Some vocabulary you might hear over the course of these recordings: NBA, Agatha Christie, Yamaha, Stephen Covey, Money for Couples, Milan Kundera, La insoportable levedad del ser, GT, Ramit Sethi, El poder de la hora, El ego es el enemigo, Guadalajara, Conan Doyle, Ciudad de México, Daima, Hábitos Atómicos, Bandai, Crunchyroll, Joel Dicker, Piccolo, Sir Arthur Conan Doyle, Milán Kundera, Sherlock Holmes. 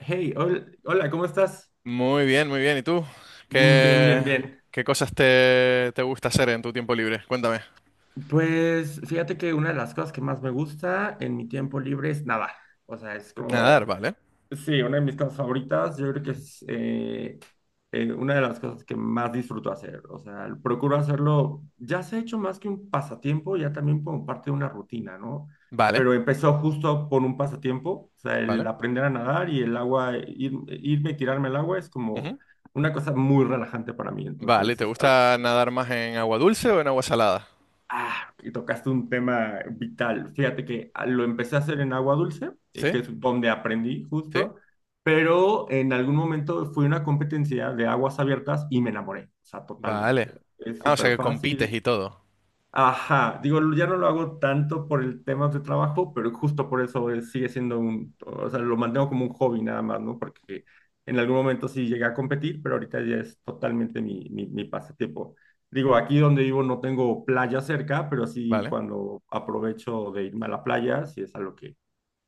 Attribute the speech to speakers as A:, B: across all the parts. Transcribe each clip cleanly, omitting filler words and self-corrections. A: Hey, hola, ¿cómo estás?
B: Muy bien, muy bien. ¿Y tú?
A: Bien, bien,
B: ¿Qué,
A: bien.
B: qué cosas te gusta hacer en tu tiempo libre? Cuéntame.
A: Pues fíjate que una de las cosas que más me gusta en mi tiempo libre es nadar. O sea, es
B: Nadar,
A: como.
B: vale.
A: Sí, una de mis cosas favoritas, yo creo que es una de las cosas que más disfruto hacer. O sea, procuro hacerlo, ya se ha hecho más que un pasatiempo, ya también como parte de una rutina, ¿no?
B: Vale,
A: Pero empezó justo por un pasatiempo, o sea, el
B: vale.
A: aprender a nadar y el agua, irme y tirarme al agua es como
B: Ujú.
A: una cosa muy relajante para mí.
B: Vale,
A: Entonces,
B: ¿te
A: es algo.
B: gusta nadar más en agua dulce o en agua salada?
A: Ah, y tocaste un tema vital. Fíjate que lo empecé a hacer en agua dulce,
B: ¿Sí?
A: que es donde aprendí
B: ¿Sí?
A: justo, pero en algún momento fui a una competencia de aguas abiertas y me enamoré, o sea,
B: Vale.
A: totalmente. Es
B: Ah, o sea
A: súper
B: que compites
A: fácil.
B: y todo.
A: Ajá, digo, ya no lo hago tanto por el tema de trabajo, pero justo por eso sigue siendo un, o sea, lo mantengo como un hobby nada más, ¿no? Porque en algún momento sí llegué a competir, pero ahorita ya es totalmente mi pasatiempo. Digo, aquí donde vivo no tengo playa cerca, pero sí
B: Vale.
A: cuando aprovecho de irme a la playa, sí es algo que,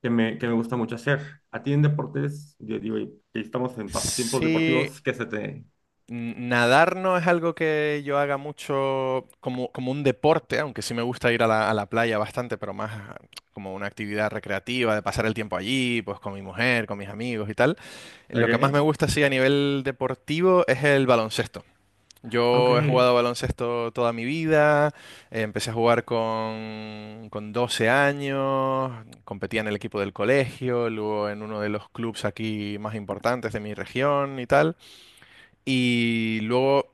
A: que me gusta mucho hacer. A ti en deportes, yo digo, y estamos en pasatiempos
B: Sí,
A: deportivos, ¿qué se te...?
B: Nadar no es algo que yo haga mucho como, como un deporte, aunque sí me gusta ir a la playa bastante, pero más como una actividad recreativa, de pasar el tiempo allí, pues con mi mujer, con mis amigos y tal. Lo que más me
A: ¿Ok?
B: gusta, sí, a nivel deportivo es el baloncesto.
A: Ok,
B: Yo he jugado baloncesto toda mi vida, empecé a jugar con 12 años, competía en el equipo del colegio, luego en uno de los clubes aquí más importantes de mi región y tal. Y luego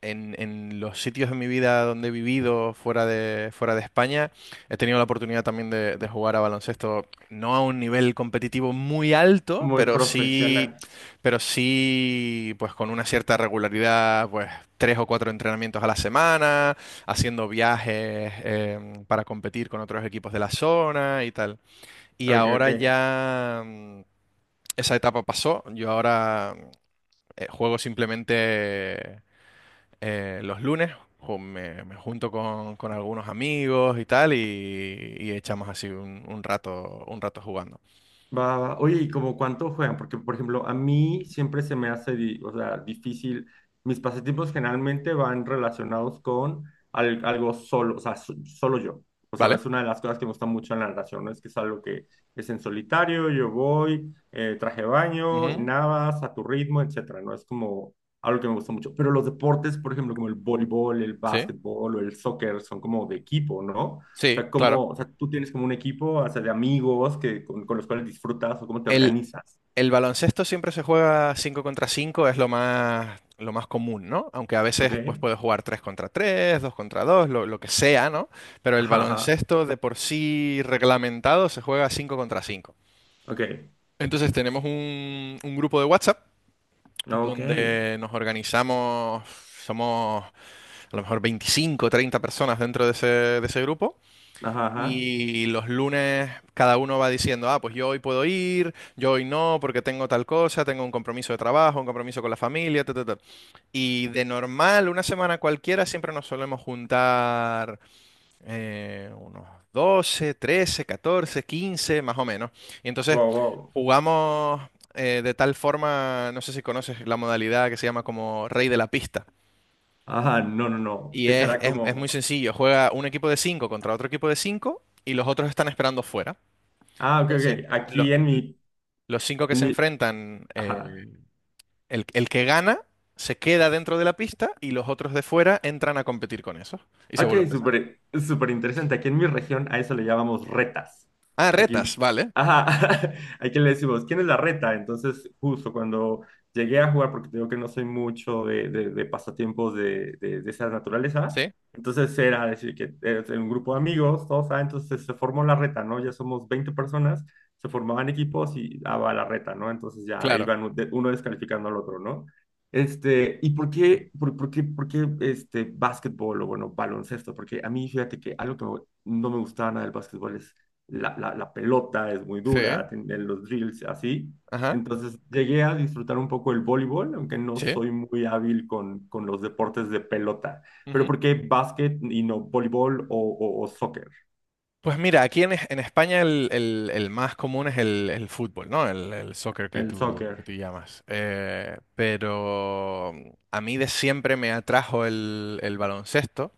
B: en los sitios de mi vida donde he vivido fuera de España, he tenido la oportunidad también de jugar a baloncesto, no a un nivel competitivo muy alto,
A: muy profesional.
B: pero sí, pues con una cierta regularidad, pues tres o cuatro entrenamientos a la semana, haciendo viajes para competir con otros equipos de la zona y tal. Y
A: Ok,
B: ahora
A: ok.
B: ya esa etapa pasó, yo ahora juego simplemente los lunes me junto con algunos amigos y tal y echamos así un rato, un rato jugando.
A: Va, va. Oye, ¿y como cuánto juegan? Porque, por ejemplo, a mí siempre se me hace, o sea, difícil. Mis pasatiempos generalmente van relacionados con algo solo, o sea, solo yo. O sea,
B: ¿Vale?
A: es una de las cosas que me gusta mucho en la narración, ¿no? Es que es algo que es en solitario, yo voy, traje baño, y
B: Ujú.
A: nadas a tu ritmo, etcétera, ¿no? Es como algo que me gusta mucho. Pero los deportes, por ejemplo, como el voleibol, el
B: Sí,
A: básquetbol o el soccer, son como de equipo, ¿no? O
B: sí,
A: sea,
B: claro.
A: cómo, o sea, tú tienes como un equipo, o sea, de amigos que, con los cuales disfrutas o cómo te
B: El,
A: organizas.
B: el baloncesto siempre se juega 5 contra cinco, es lo más común, ¿no? Aunque a veces
A: ¿Ok?
B: pues, puedes jugar 3 contra tres, 2 contra dos, lo que sea, ¿no? Pero el
A: Ajá, ajá.
B: baloncesto de por sí reglamentado se juega 5 contra cinco.
A: Ok.
B: Entonces tenemos un grupo de WhatsApp
A: Ok.
B: donde nos organizamos, somos a lo mejor 25 o 30 personas dentro de ese grupo.
A: Ajá, ajá.
B: Y los lunes cada uno va diciendo: "Ah, pues yo hoy puedo ir, yo hoy no, porque tengo tal cosa, tengo un compromiso de trabajo, un compromiso con la familia, ta, ta, ta". Y de normal, una semana cualquiera, siempre nos solemos juntar unos 12, 13, 14, 15 más o menos. Y entonces
A: Wow, wow.
B: jugamos de tal forma, no sé si conoces la modalidad que se llama como Rey de la Pista.
A: Ajá, no, no, no.
B: Y
A: Que
B: es,
A: será
B: es
A: como.
B: muy sencillo, juega un equipo de 5 contra otro equipo de 5 y los otros están esperando fuera.
A: Ah, ok,
B: Entonces,
A: ok.
B: lo-
A: Aquí en mi,
B: los 5 que
A: en
B: se
A: mi.
B: enfrentan,
A: Ajá.
B: el que gana se queda dentro de la pista y los otros de fuera entran a competir con esos y se
A: Ok,
B: vuelve a empezar.
A: súper, súper interesante. Aquí en mi región a eso le llamamos retas.
B: Ah,
A: Aquí,
B: retas, vale.
A: ajá, aquí le decimos, ¿quién es la reta? Entonces, justo cuando llegué a jugar, porque te digo que no soy mucho de pasatiempos de esa naturaleza,
B: Sí,
A: entonces era decir que eres un grupo de amigos, todos, ah, entonces se formó la reta, ¿no? Ya somos 20 personas, se formaban equipos y daba la reta, ¿no? Entonces ya
B: claro.
A: iban uno descalificando al otro, ¿no? Este, ¿y por qué este, básquetbol o bueno, baloncesto? Porque a mí, fíjate que algo que no me gustaba nada del básquetbol es la pelota, es muy
B: Sí.
A: dura, tiene los drills, así.
B: Ajá.
A: Entonces llegué a disfrutar un poco el voleibol, aunque no
B: Sí.
A: soy muy hábil con los deportes de pelota. Pero
B: Ujú.
A: ¿por qué básquet y no voleibol o soccer?
B: Pues mira, aquí en, en España el, el más común es el fútbol, ¿no? El soccer
A: El
B: que
A: soccer,
B: tú llamas. Pero a mí de siempre me atrajo el baloncesto.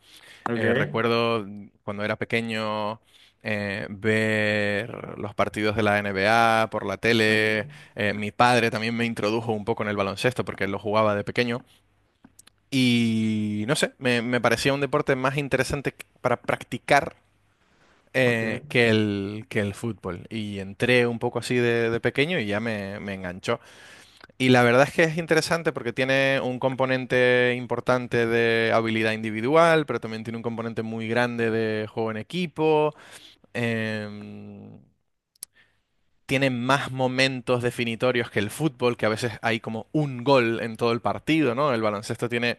A: ¿ok?
B: Recuerdo cuando era pequeño ver los partidos de la NBA por la tele.
A: Ok,
B: Mi padre también me introdujo un poco en el baloncesto porque él lo jugaba de pequeño. Y no sé, me parecía un deporte más interesante para practicar
A: ok.
B: que el fútbol. Y entré un poco así de pequeño y ya me enganchó. Y la verdad es que es interesante porque tiene un componente importante de habilidad individual, pero también tiene un componente muy grande de juego en equipo. em, Tiene más momentos definitorios que el fútbol, que a veces hay como un gol en todo el partido, ¿no? El baloncesto tiene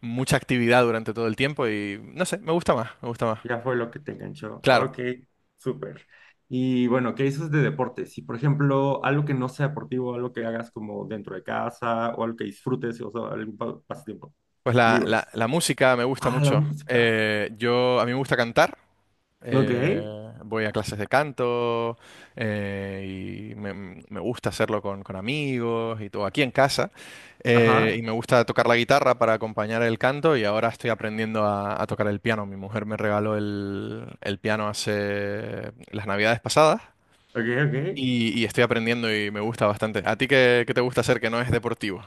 B: mucha actividad durante todo el tiempo y no sé, me gusta más, me gusta más.
A: Ya fue lo que te enganchó.
B: Claro.
A: Ok, súper. Y bueno, ¿qué dices de deportes? Si, por ejemplo, algo que no sea deportivo, algo que hagas como dentro de casa o algo que disfrutes, o sea, algún pasatiempo.
B: Pues la, la-
A: Libros.
B: la música me gusta
A: Ah, la
B: mucho.
A: música.
B: Yo, a mí me gusta cantar.
A: Ok,
B: eh, Voy a clases de canto y me gusta hacerlo con amigos y todo aquí en casa. Y
A: ajá,
B: me gusta tocar la guitarra para acompañar el canto y ahora estoy aprendiendo a tocar el piano. Mi mujer me regaló el piano hace las navidades pasadas
A: ok, ok.
B: y estoy aprendiendo y me gusta bastante. ¿A ti qué, qué te gusta hacer que no es deportivo?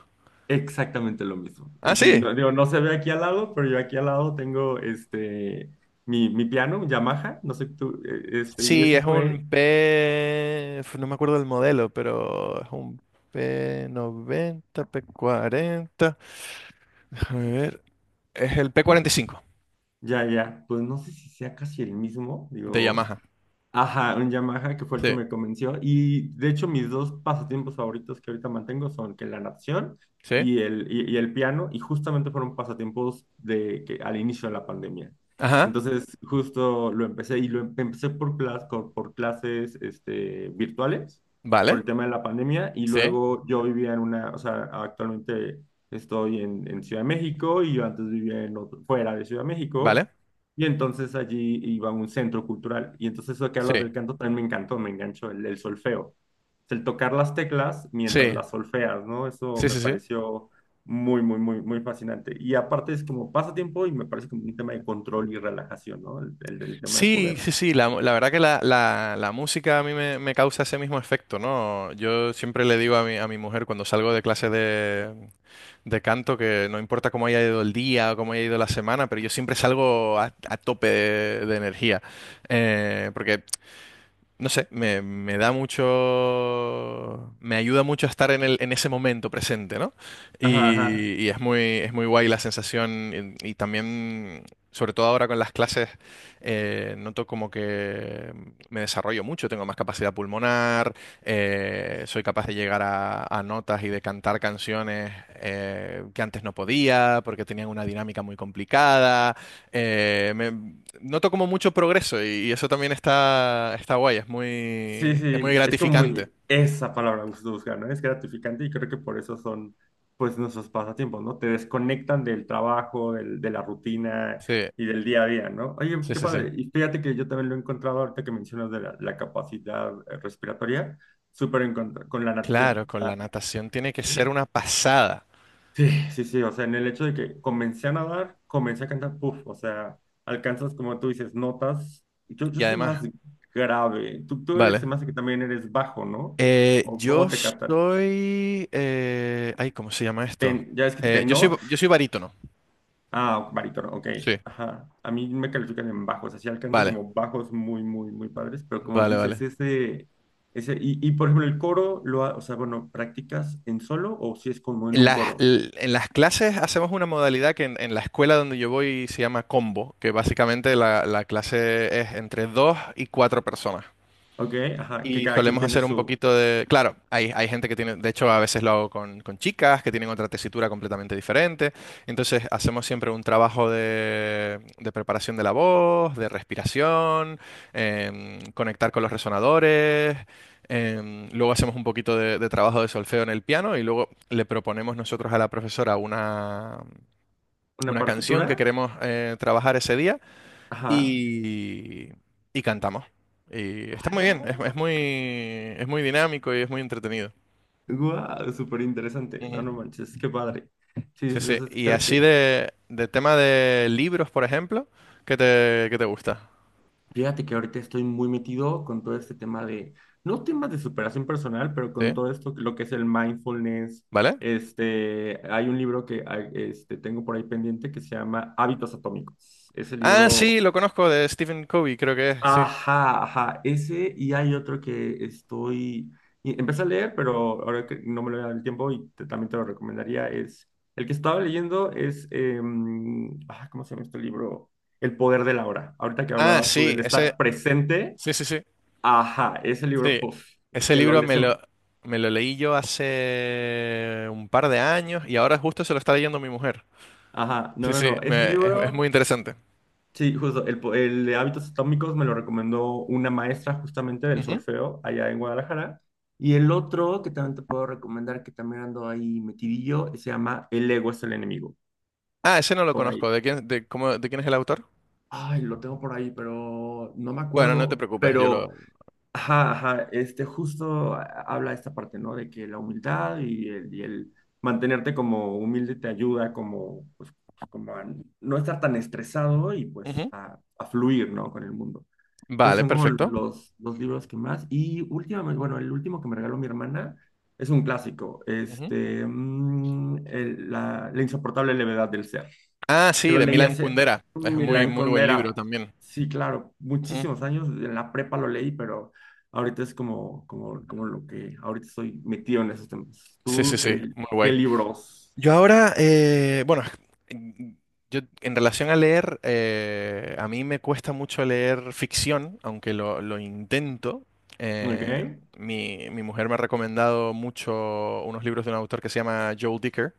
A: Exactamente lo mismo.
B: Ah,
A: Sí,
B: sí.
A: no, digo, no se ve aquí al lado, pero yo aquí al lado tengo este, mi piano, un Yamaha, no sé tú, este, y
B: Sí,
A: eso
B: es
A: fue,
B: un P, uf, no me acuerdo del modelo, pero es un P90, P40. Déjame ver. Es el P45
A: ya, ya, pues no sé si sea casi el mismo,
B: de
A: digo.
B: Yamaha.
A: Ajá, un Yamaha que fue el que
B: Sí,
A: me convenció. Y de hecho, mis dos pasatiempos favoritos que ahorita mantengo son que la natación
B: sí.
A: y el piano, y justamente fueron pasatiempos de que al inicio de la pandemia.
B: Ajá.
A: Entonces, justo lo empecé y lo empecé por, por clases este, virtuales, por
B: Vale.
A: el tema de la pandemia, y
B: Sí.
A: luego yo vivía en una, o sea, actualmente estoy en Ciudad de México y yo antes vivía en fuera de Ciudad de
B: Vale.
A: México. Y entonces allí iba a un centro cultural. Y entonces eso que hablas
B: Sí.
A: del canto también me encantó, me enganchó el solfeo. El tocar las teclas mientras
B: Sí.
A: las solfeas, ¿no? Eso
B: Sí,
A: me
B: sí, sí.
A: pareció muy, muy, muy, muy fascinante. Y aparte es como pasatiempo y me parece como un tema de control y relajación, ¿no? El tema de
B: Sí,
A: poder.
B: sí, sí, la- verdad que la, la música a mí me, me causa ese mismo efecto, ¿no? Yo siempre le digo a mi mujer cuando salgo de clase de canto, que no importa cómo haya ido el día o cómo haya ido la semana, pero yo siempre salgo a tope de energía. Porque no sé, me da mucho, me ayuda mucho a estar en el, en ese momento presente, ¿no?
A: Ajá, ajá.
B: Y es muy guay la sensación y también, sobre todo ahora con las clases, noto como que me desarrollo mucho, tengo más capacidad pulmonar, soy capaz de llegar a notas y de cantar canciones que antes no podía porque tenían una dinámica muy complicada. Noto como mucho progreso y eso también está, está guay,
A: Sí,
B: es muy
A: sí, es como
B: gratificante.
A: muy esa palabra que se busca, ¿no? Es gratificante y creo que por eso son, pues, nuestros pasatiempos, ¿no? Te desconectan del trabajo, de la rutina
B: Sí,
A: y del día a día, ¿no? Oye,
B: sí,
A: qué
B: sí, sí.
A: padre. Y fíjate que yo también lo he encontrado ahorita que mencionas de la capacidad respiratoria, súper con la natación.
B: Claro,
A: O
B: con
A: sea,
B: la natación tiene que ser una pasada.
A: sí, sí, sí, o sea, en el hecho de que comencé a nadar, comencé a cantar, puff, o sea, alcanzas, como tú dices, notas. Yo
B: Y
A: soy más
B: además,
A: grave, tú eres, se
B: vale.
A: me hace que también eres bajo, ¿no? ¿O
B: Yo
A: cómo te catan?
B: soy... ay, ¿cómo se llama esto?
A: Ya es que tenor,
B: Yo soy barítono.
A: ah, barítono, ok,
B: Sí,
A: ajá. A mí me califican en bajos, así alcanzo
B: vale,
A: como bajos muy, muy, muy padres, pero como
B: vale, vale.
A: dices, ese, y por ejemplo, el coro, o sea, bueno, ¿practicas en solo o si es como en un coro?
B: En las clases hacemos una modalidad que en la escuela donde yo voy se llama combo, que básicamente la, la clase es entre dos y cuatro personas.
A: Ok, ajá, que
B: Y
A: cada quien
B: solemos
A: tiene
B: hacer un poquito de... Claro, hay gente que tiene... De hecho, a veces lo hago con chicas que tienen otra tesitura completamente diferente. Entonces, hacemos siempre un trabajo de preparación de la voz, de respiración, conectar con los resonadores. Luego hacemos un poquito de trabajo de solfeo en el piano y luego le proponemos nosotros a la profesora
A: una
B: una canción que
A: partitura.
B: queremos trabajar ese día
A: Ajá.
B: y, y cantamos. Y está muy bien, es muy dinámico y es muy entretenido.
A: Wow, súper interesante. No,
B: Ujú.
A: no manches, qué padre. Sí,
B: Sí, sí.
A: entonces
B: Y
A: creo
B: así
A: que,
B: de tema de libros, por ejemplo, qué te gusta?
A: fíjate que ahorita estoy muy metido con todo este tema de, no temas de superación personal, pero con
B: ¿Sí?
A: todo esto, lo que es el mindfulness.
B: ¿Vale?
A: Este, hay un libro que este, tengo por ahí pendiente que se llama Hábitos Atómicos. Ese
B: Ah,
A: libro.
B: sí, lo conozco de Stephen Covey, creo que es, sí.
A: Ajá, ajá, ese y hay otro que estoy, y empecé a leer, pero ahora que no me lo da el tiempo y también te lo recomendaría, es, el que estaba leyendo es, ¿cómo se llama este libro? El poder de la hora. Ahorita que
B: Ah,
A: hablabas tú
B: sí,
A: del
B: ese,
A: estar presente,
B: sí, sí, sí,
A: ajá, ese libro,
B: sí.
A: puff,
B: Ese
A: que lo
B: libro
A: lees en,
B: me lo leí yo hace un par de años y ahora justo se lo está leyendo mi mujer.
A: ajá, no,
B: Sí,
A: no,
B: sí,
A: no, ese
B: es muy
A: libro...
B: interesante.
A: Sí, justo, el de hábitos atómicos me lo recomendó una maestra justamente del
B: Ujú.
A: solfeo allá en Guadalajara. Y el otro que también te puedo recomendar, que también ando ahí metidillo, se llama El ego es el enemigo,
B: Ah, ese no lo
A: por ahí.
B: conozco. ¿De quién, de, cómo, de quién es el autor?
A: Ay, lo tengo por ahí, pero no me
B: Bueno, no te
A: acuerdo.
B: preocupes, yo
A: Pero,
B: lo...
A: ajá, ajá, este justo habla esta parte, ¿no? De que la humildad y el mantenerte como humilde te ayuda como, pues, pues, como a no estar tan estresado y pues
B: Ujú,
A: a fluir, ¿no? Con el mundo. Entonces
B: vale,
A: son como
B: perfecto.
A: los libros que más. Y últimamente, bueno, el último que me regaló mi hermana es un clásico,
B: Ujú.
A: La insoportable levedad del ser,
B: Ah,
A: que
B: sí,
A: lo
B: de
A: leí
B: Milan
A: hace
B: Kundera. Es muy,
A: Milán
B: muy buen libro
A: Kundera.
B: también.
A: Sí, claro,
B: Ujú.
A: muchísimos años, en la prepa lo leí, pero ahorita es como lo que ahorita estoy metido en esos temas.
B: Sí, sí,
A: ¿Tú
B: sí,
A: qué,
B: muy
A: qué
B: guay.
A: libros?
B: Yo ahora, bueno, en- yo en relación a leer, a mí me cuesta mucho leer ficción, aunque lo intento.
A: ¿Ok?
B: Eh, mi, mi mujer me ha recomendado mucho unos libros de un autor que se llama Joel Dicker,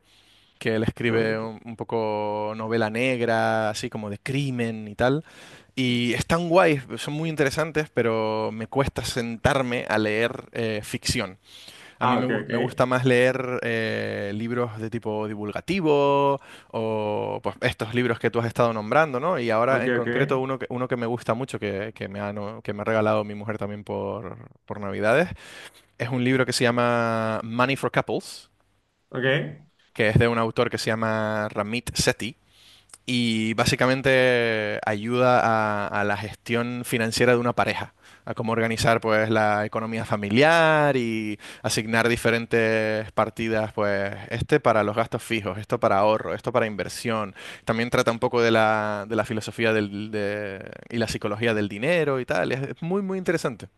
B: que él
A: Yo,
B: escribe
A: ok.
B: un poco novela negra, así como de crimen y tal. Y están guays, son muy interesantes, pero me cuesta sentarme a leer ficción. A mí
A: Ah,
B: me,
A: ok, ok.
B: me gusta más leer libros de tipo divulgativo o pues, estos libros que tú has estado nombrando, ¿no? Y ahora
A: Ok,
B: en
A: ok.
B: concreto uno que me gusta mucho, que me ha, que me ha regalado mi mujer también por Navidades, es un libro que se llama Money for Couples,
A: Ok.
B: que es de un autor que se llama Ramit Sethi y básicamente ayuda a la gestión financiera de una pareja, a cómo organizar pues la economía familiar y asignar diferentes partidas, pues este para los gastos fijos, esto para ahorro, esto para inversión. También trata un poco de la filosofía del, y la psicología del dinero y tal. Es muy, muy interesante.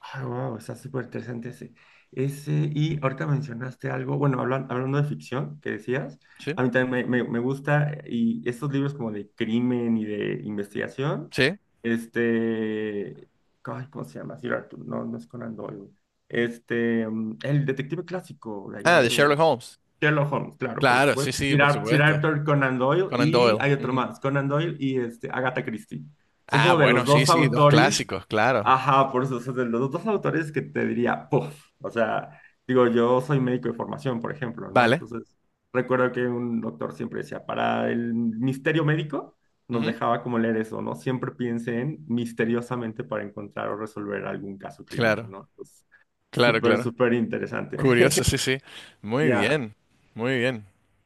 A: Ah, wow, está súper interesante ese. Ese, y ahorita mencionaste algo, bueno, hablando de ficción que decías,
B: ¿Sí?
A: a mí también me gusta, y estos libros como de crimen y de investigación,
B: ¿Sí?
A: este, ay, ¿cómo se llama? Sir Arthur, no, no es Conan Doyle. Este, el detective clásico de allá
B: Ah, de
A: de
B: Sherlock Holmes.
A: Sherlock Holmes, claro, por
B: Claro, sí,
A: supuesto.
B: sí, por
A: Sir
B: supuesto.
A: Arthur Conan Doyle
B: Conan
A: y
B: Doyle.
A: hay otro
B: Ujú.
A: más, Conan Doyle y este, Agatha Christie. Son
B: Ah,
A: como de los
B: bueno, sí,
A: dos
B: sí, dos
A: autores,
B: clásicos, claro.
A: ajá, por eso, o sea, de los dos autores que te diría, puff, o sea, digo, yo soy médico de formación, por ejemplo, ¿no?
B: Vale.
A: Entonces, recuerdo que un doctor siempre decía, para el misterio médico, nos
B: Ujú.
A: dejaba como leer eso, ¿no? Siempre piensen misteriosamente para encontrar o resolver algún caso clínico,
B: Claro,
A: ¿no? Entonces,
B: claro,
A: súper,
B: claro.
A: súper interesante.
B: Curioso, sí, sí. Muy
A: Ya,
B: bien, muy bien.